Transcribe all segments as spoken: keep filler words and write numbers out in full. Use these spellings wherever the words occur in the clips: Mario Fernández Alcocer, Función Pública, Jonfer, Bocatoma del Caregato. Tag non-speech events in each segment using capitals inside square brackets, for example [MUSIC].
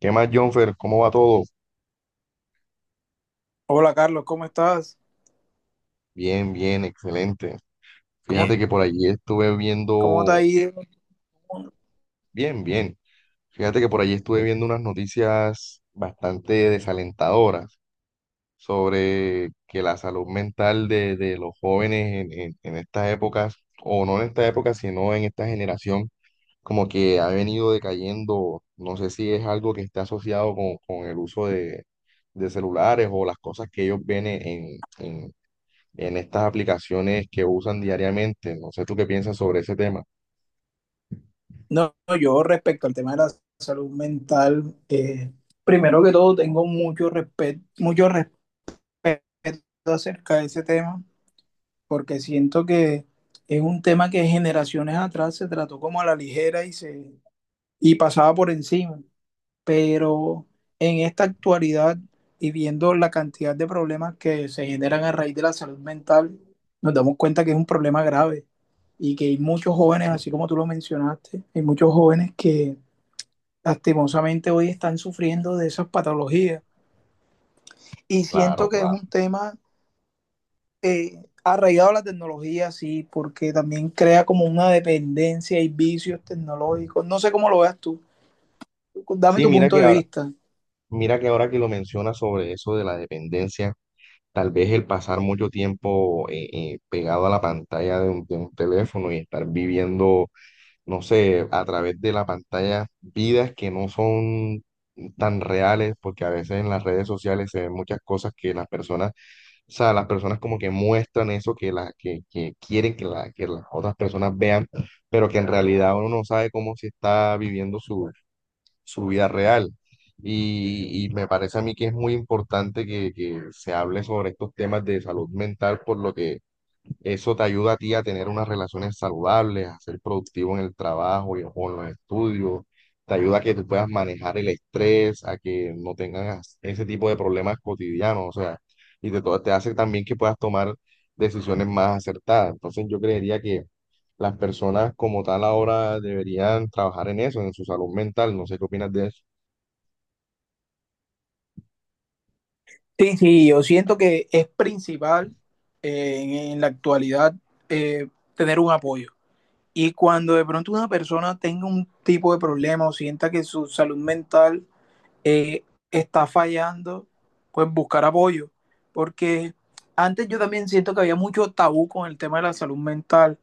¿Qué más, Jonfer? ¿Cómo va todo? Hola Carlos, ¿cómo estás? Bien, bien, excelente. ¿Cómo, Fíjate bien, que por allí estuve cómo te ha viendo, ido? bien, bien. Fíjate que por allí estuve viendo unas noticias bastante desalentadoras sobre que la salud mental de, de los jóvenes en, en, en estas épocas, o no en esta época, sino en esta generación, como que ha venido decayendo. No sé si es algo que está asociado con, con el uso de, de celulares o las cosas que ellos ven en, en, en estas aplicaciones que usan diariamente. No sé tú qué piensas sobre ese tema. No, no, yo respecto al tema de la salud mental, eh, primero que todo tengo mucho respeto, mucho respeto acerca de ese tema, porque siento que es un tema que generaciones atrás se trató como a la ligera y se y pasaba por encima. Pero en esta actualidad y viendo la cantidad de problemas que se generan a raíz de la salud mental, nos damos cuenta que es un problema grave y que hay muchos jóvenes, así como tú lo mencionaste, hay muchos jóvenes que lastimosamente hoy están sufriendo de esas patologías. Y siento Claro, que es claro. un tema eh, arraigado a la tecnología, sí, porque también crea como una dependencia y vicios tecnológicos. No sé cómo lo veas tú. Dame Sí, tu mira punto que de ahora, vista. mira que ahora que lo mencionas sobre eso de la dependencia, tal vez el pasar mucho tiempo eh, eh, pegado a la pantalla de un, de un teléfono y estar viviendo, no sé, a través de la pantalla vidas que no son tan reales, porque a veces en las redes sociales se ven muchas cosas que las personas. O sea, las personas como que muestran eso que, la, que, que quieren que, la, que las otras personas vean, pero que en realidad uno no sabe cómo se está viviendo su, su vida real. Y, y me parece a mí que es muy importante que, que, se hable sobre estos temas de salud mental, por lo que eso te ayuda a ti a tener unas relaciones saludables, a ser productivo en el trabajo y o en los estudios. Te ayuda a que tú puedas manejar el estrés, a que no tengas ese tipo de problemas cotidianos, o sea, y te, to- te hace también que puedas tomar decisiones más acertadas. Entonces yo creería que las personas como tal ahora deberían trabajar en eso, en su salud mental. No sé qué opinas de eso. Sí, sí, yo siento que es principal, eh, en, en la actualidad, eh, tener un apoyo. Y cuando de pronto una persona tenga un tipo de problema o sienta que su salud mental eh, está fallando, pues buscar apoyo. Porque antes yo también siento que había mucho tabú con el tema de la salud mental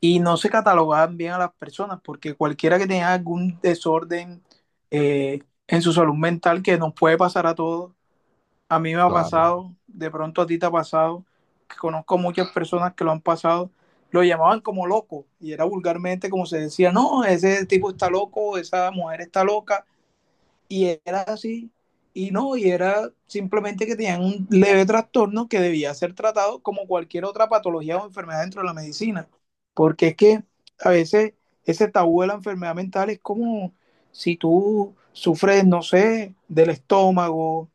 y no se catalogaban bien a las personas, porque cualquiera que tenga algún desorden eh, en su salud mental, que nos puede pasar a todos, a mí me ha Claro, pasado, de pronto a ti te ha pasado, que conozco muchas personas que lo han pasado, lo llamaban como loco y era vulgarmente como se decía: no, ese tipo está loco, esa mujer está loca, y era así. Y no, y era simplemente que tenían un leve trastorno que debía ser tratado como cualquier otra patología o enfermedad dentro de la medicina. Porque es que a veces ese tabú de la enfermedad mental es como si tú sufres, no sé, del estómago,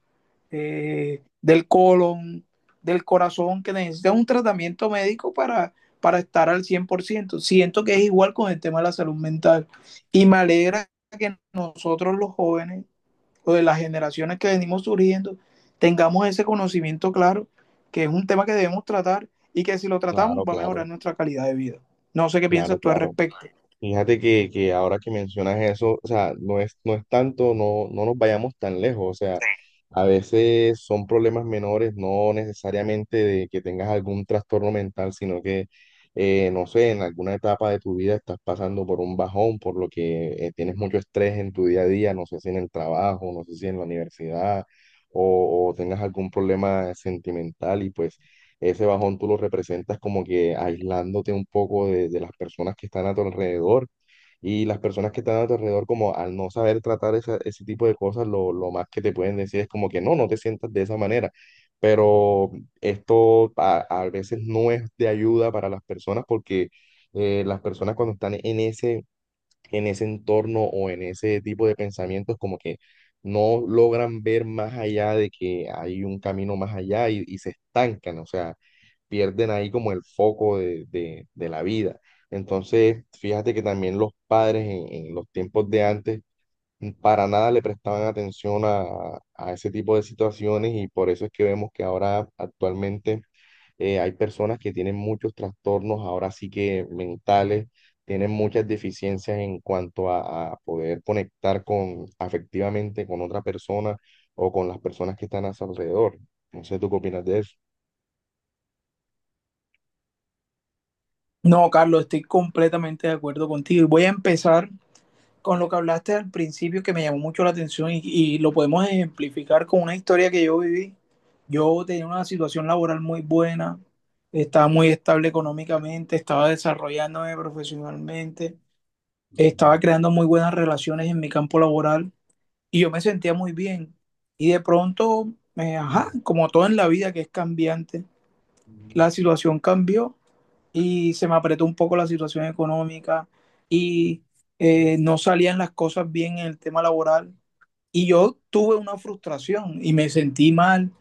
eh, del colon, del corazón, que necesitas un tratamiento médico para, para estar al cien por ciento. Siento que es igual con el tema de la salud mental. Y me alegra que nosotros los jóvenes o de las generaciones que venimos surgiendo tengamos ese conocimiento claro, que es un tema que debemos tratar y que si lo tratamos claro, va a claro, mejorar nuestra calidad de vida. No sé qué claro, piensas tú al claro. respecto. Fíjate que, que ahora que mencionas eso, o sea, no es, no es tanto, no, no nos vayamos tan lejos, o sea, a veces son problemas menores, no necesariamente de que tengas algún trastorno mental, sino que, eh, no sé, en alguna etapa de tu vida estás pasando por un bajón, por lo que eh, tienes mucho estrés en tu día a día, no sé si en el trabajo, no sé si en la universidad, o, o tengas algún problema sentimental y pues ese bajón tú lo representas como que aislándote un poco de, de las personas que están a tu alrededor. Y las personas que están a tu alrededor, como al no saber tratar esa- ese tipo de cosas, lo, lo más que te pueden decir es como que no, no te sientas de esa manera. Pero esto a, a veces no es de ayuda para las personas porque eh, las personas cuando están en ese, en ese entorno o en ese tipo de pensamientos, como que no logran ver más allá de que hay un camino más allá y, y se estancan, o sea, pierden ahí como el foco de, de- de la vida. Entonces, fíjate que también los padres en, en los tiempos de antes para nada le prestaban atención a, a ese tipo de situaciones y por eso es que vemos que ahora actualmente eh, hay personas que tienen muchos trastornos, ahora sí que mentales, tienen muchas deficiencias en cuanto a, a poder conectar con afectivamente con otra persona o con las personas que están a su alrededor. No sé, ¿tú qué opinas de eso? No, Carlos, estoy completamente de acuerdo contigo. Y voy a empezar con lo que hablaste al principio que me llamó mucho la atención, y, y lo podemos ejemplificar con una historia que yo viví. Yo tenía una situación laboral muy buena, estaba muy estable económicamente, estaba desarrollándome profesionalmente. Estaba creando muy buenas relaciones en mi campo laboral y yo me sentía muy bien. Y de pronto, eh, ajá, como todo en la vida que es cambiante, la situación cambió y se me apretó un poco la situación económica y eh, no salían las cosas bien en el tema laboral. Y yo tuve una frustración y me sentí mal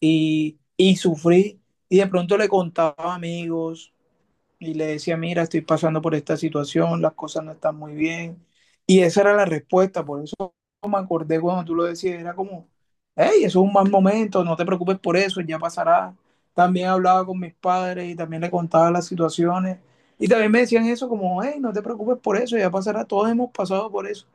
y, y sufrí. Y de pronto le contaba a amigos y le decía: mira, estoy pasando por esta situación, las cosas no están muy bien. Y esa era la respuesta, por eso me acordé cuando tú lo decías, era como: hey, eso es un mal momento, no te preocupes por eso, ya pasará. También hablaba con mis padres y también le contaba las situaciones. Y también me decían eso como: hey, no te preocupes por eso, ya pasará, todos hemos pasado por eso.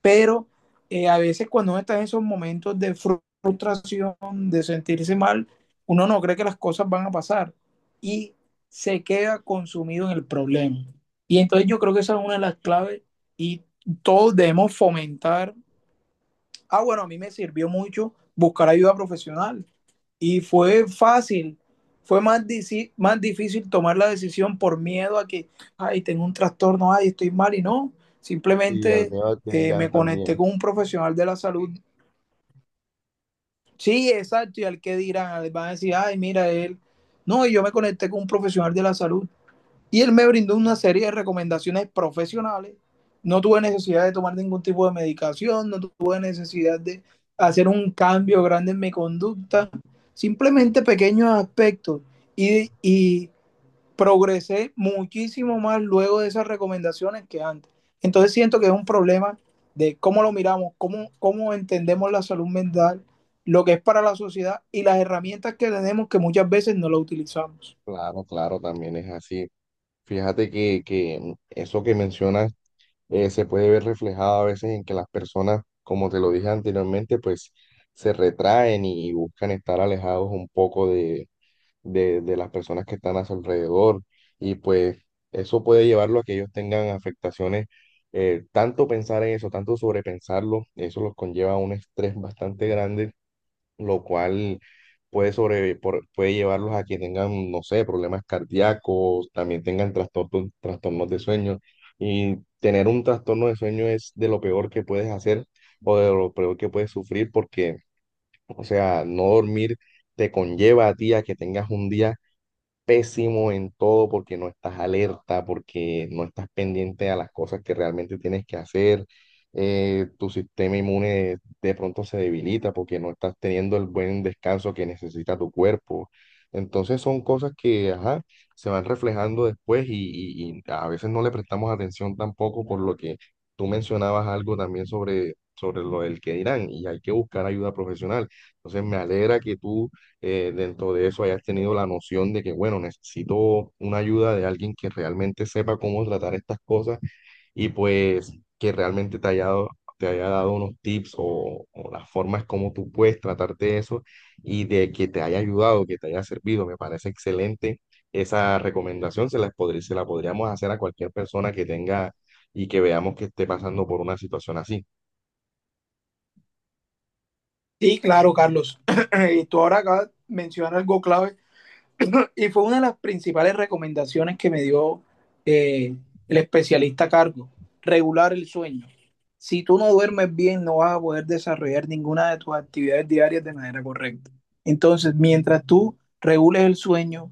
Pero eh, a veces cuando uno está en esos momentos de frustración, de sentirse mal, uno no cree que las cosas van a pasar y se queda consumido en el problema. Y entonces yo creo que esa es una de las claves y todos debemos fomentar. Ah, bueno, a mí me sirvió mucho buscar ayuda profesional y fue fácil, fue más, dici- más difícil tomar la decisión por miedo a que, ay, tengo un trastorno, ay, estoy mal. Y no, Y al simplemente miedo al que eh, dirán me conecté también. con un profesional de la salud. Sí, exacto, y al que dirán, van a decir, ay, mira él. No, y yo me conecté con un profesional de la salud y él me brindó una serie de recomendaciones profesionales. No tuve necesidad de tomar ningún tipo de medicación, no tuve necesidad de hacer un cambio grande en mi conducta, simplemente pequeños aspectos. Y, y progresé muchísimo más luego de esas recomendaciones que antes. Entonces siento que es un problema de cómo lo miramos, cómo, cómo entendemos la salud mental, lo que es para la sociedad y las herramientas que tenemos que muchas veces no lo utilizamos. Claro, claro, también es así. Fíjate que, que eso que mencionas eh, se puede ver reflejado a veces en que las personas, como te lo dije anteriormente, pues se retraen y buscan estar alejados un poco de, de, de las personas que están a su alrededor y pues eso puede llevarlo a que ellos tengan afectaciones. Eh, tanto pensar en eso, tanto sobrepensarlo, eso los conlleva a un estrés bastante grande lo cual puede, sobre, por- puede llevarlos a que tengan, no sé, problemas cardíacos, también tengan trastornos, trastornos de sueño. Y tener un trastorno de sueño es de lo peor que puedes hacer o de lo peor que puedes sufrir porque, o sea, no dormir te conlleva a ti a que tengas un día pésimo en todo porque no estás alerta, porque no estás pendiente a las cosas que realmente tienes que hacer. Eh, tu sistema inmune de pronto se debilita porque no estás teniendo el buen descanso que necesita tu cuerpo. Entonces son cosas que, ajá, se van reflejando después y, y- y a veces no le prestamos atención tampoco por lo que tú mencionabas algo también sobre, sobre lo del que dirán y hay que buscar ayuda profesional. Entonces me alegra que tú eh, dentro de eso hayas tenido la noción de que, bueno, necesito una ayuda de alguien que realmente sepa cómo tratar estas cosas y pues que realmente te haya dado, te haya dado unos tips o, o las formas como tú puedes tratarte de eso y de que te haya ayudado, que te haya servido. Me parece excelente esa recomendación, se la, podr- se la podríamos hacer a cualquier persona que tenga y que veamos que esté pasando por una situación así. Sí, claro, Carlos. [CLEARS THROAT] Y tú ahora acabas de mencionar algo clave. [CLEARS THROAT] Y fue una de las principales recomendaciones que me dio eh, el especialista a cargo: regular el sueño. Si tú no duermes bien, no vas a poder desarrollar ninguna de tus actividades diarias de manera correcta. Entonces, mientras tú regules el sueño,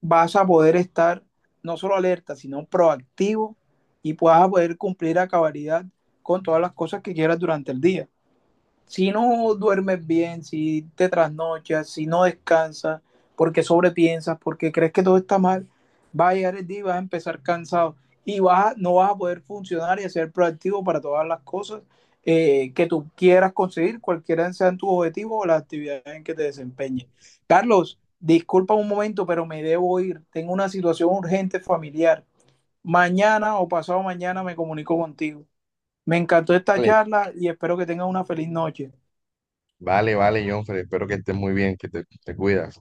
vas a poder estar no solo alerta, sino proactivo y puedas poder cumplir a cabalidad con todas las cosas que quieras durante el día. Si no duermes bien, si te trasnochas, si no descansas, porque sobrepiensas, porque crees que todo está mal, va a llegar el día y vas a empezar cansado y vas, a, no vas a poder funcionar y ser proactivo para todas las cosas eh, que tú quieras conseguir, cualquiera sean tus objetivos o las actividades en que te desempeñes. Carlos, disculpa un momento, pero me debo ir. Tengo una situación urgente familiar. Mañana o pasado mañana me comunico contigo. Me encantó esta Vale, charla y espero que tengas una feliz noche. vale, vale, Jonfer, espero que estés muy bien, que te te cuidas.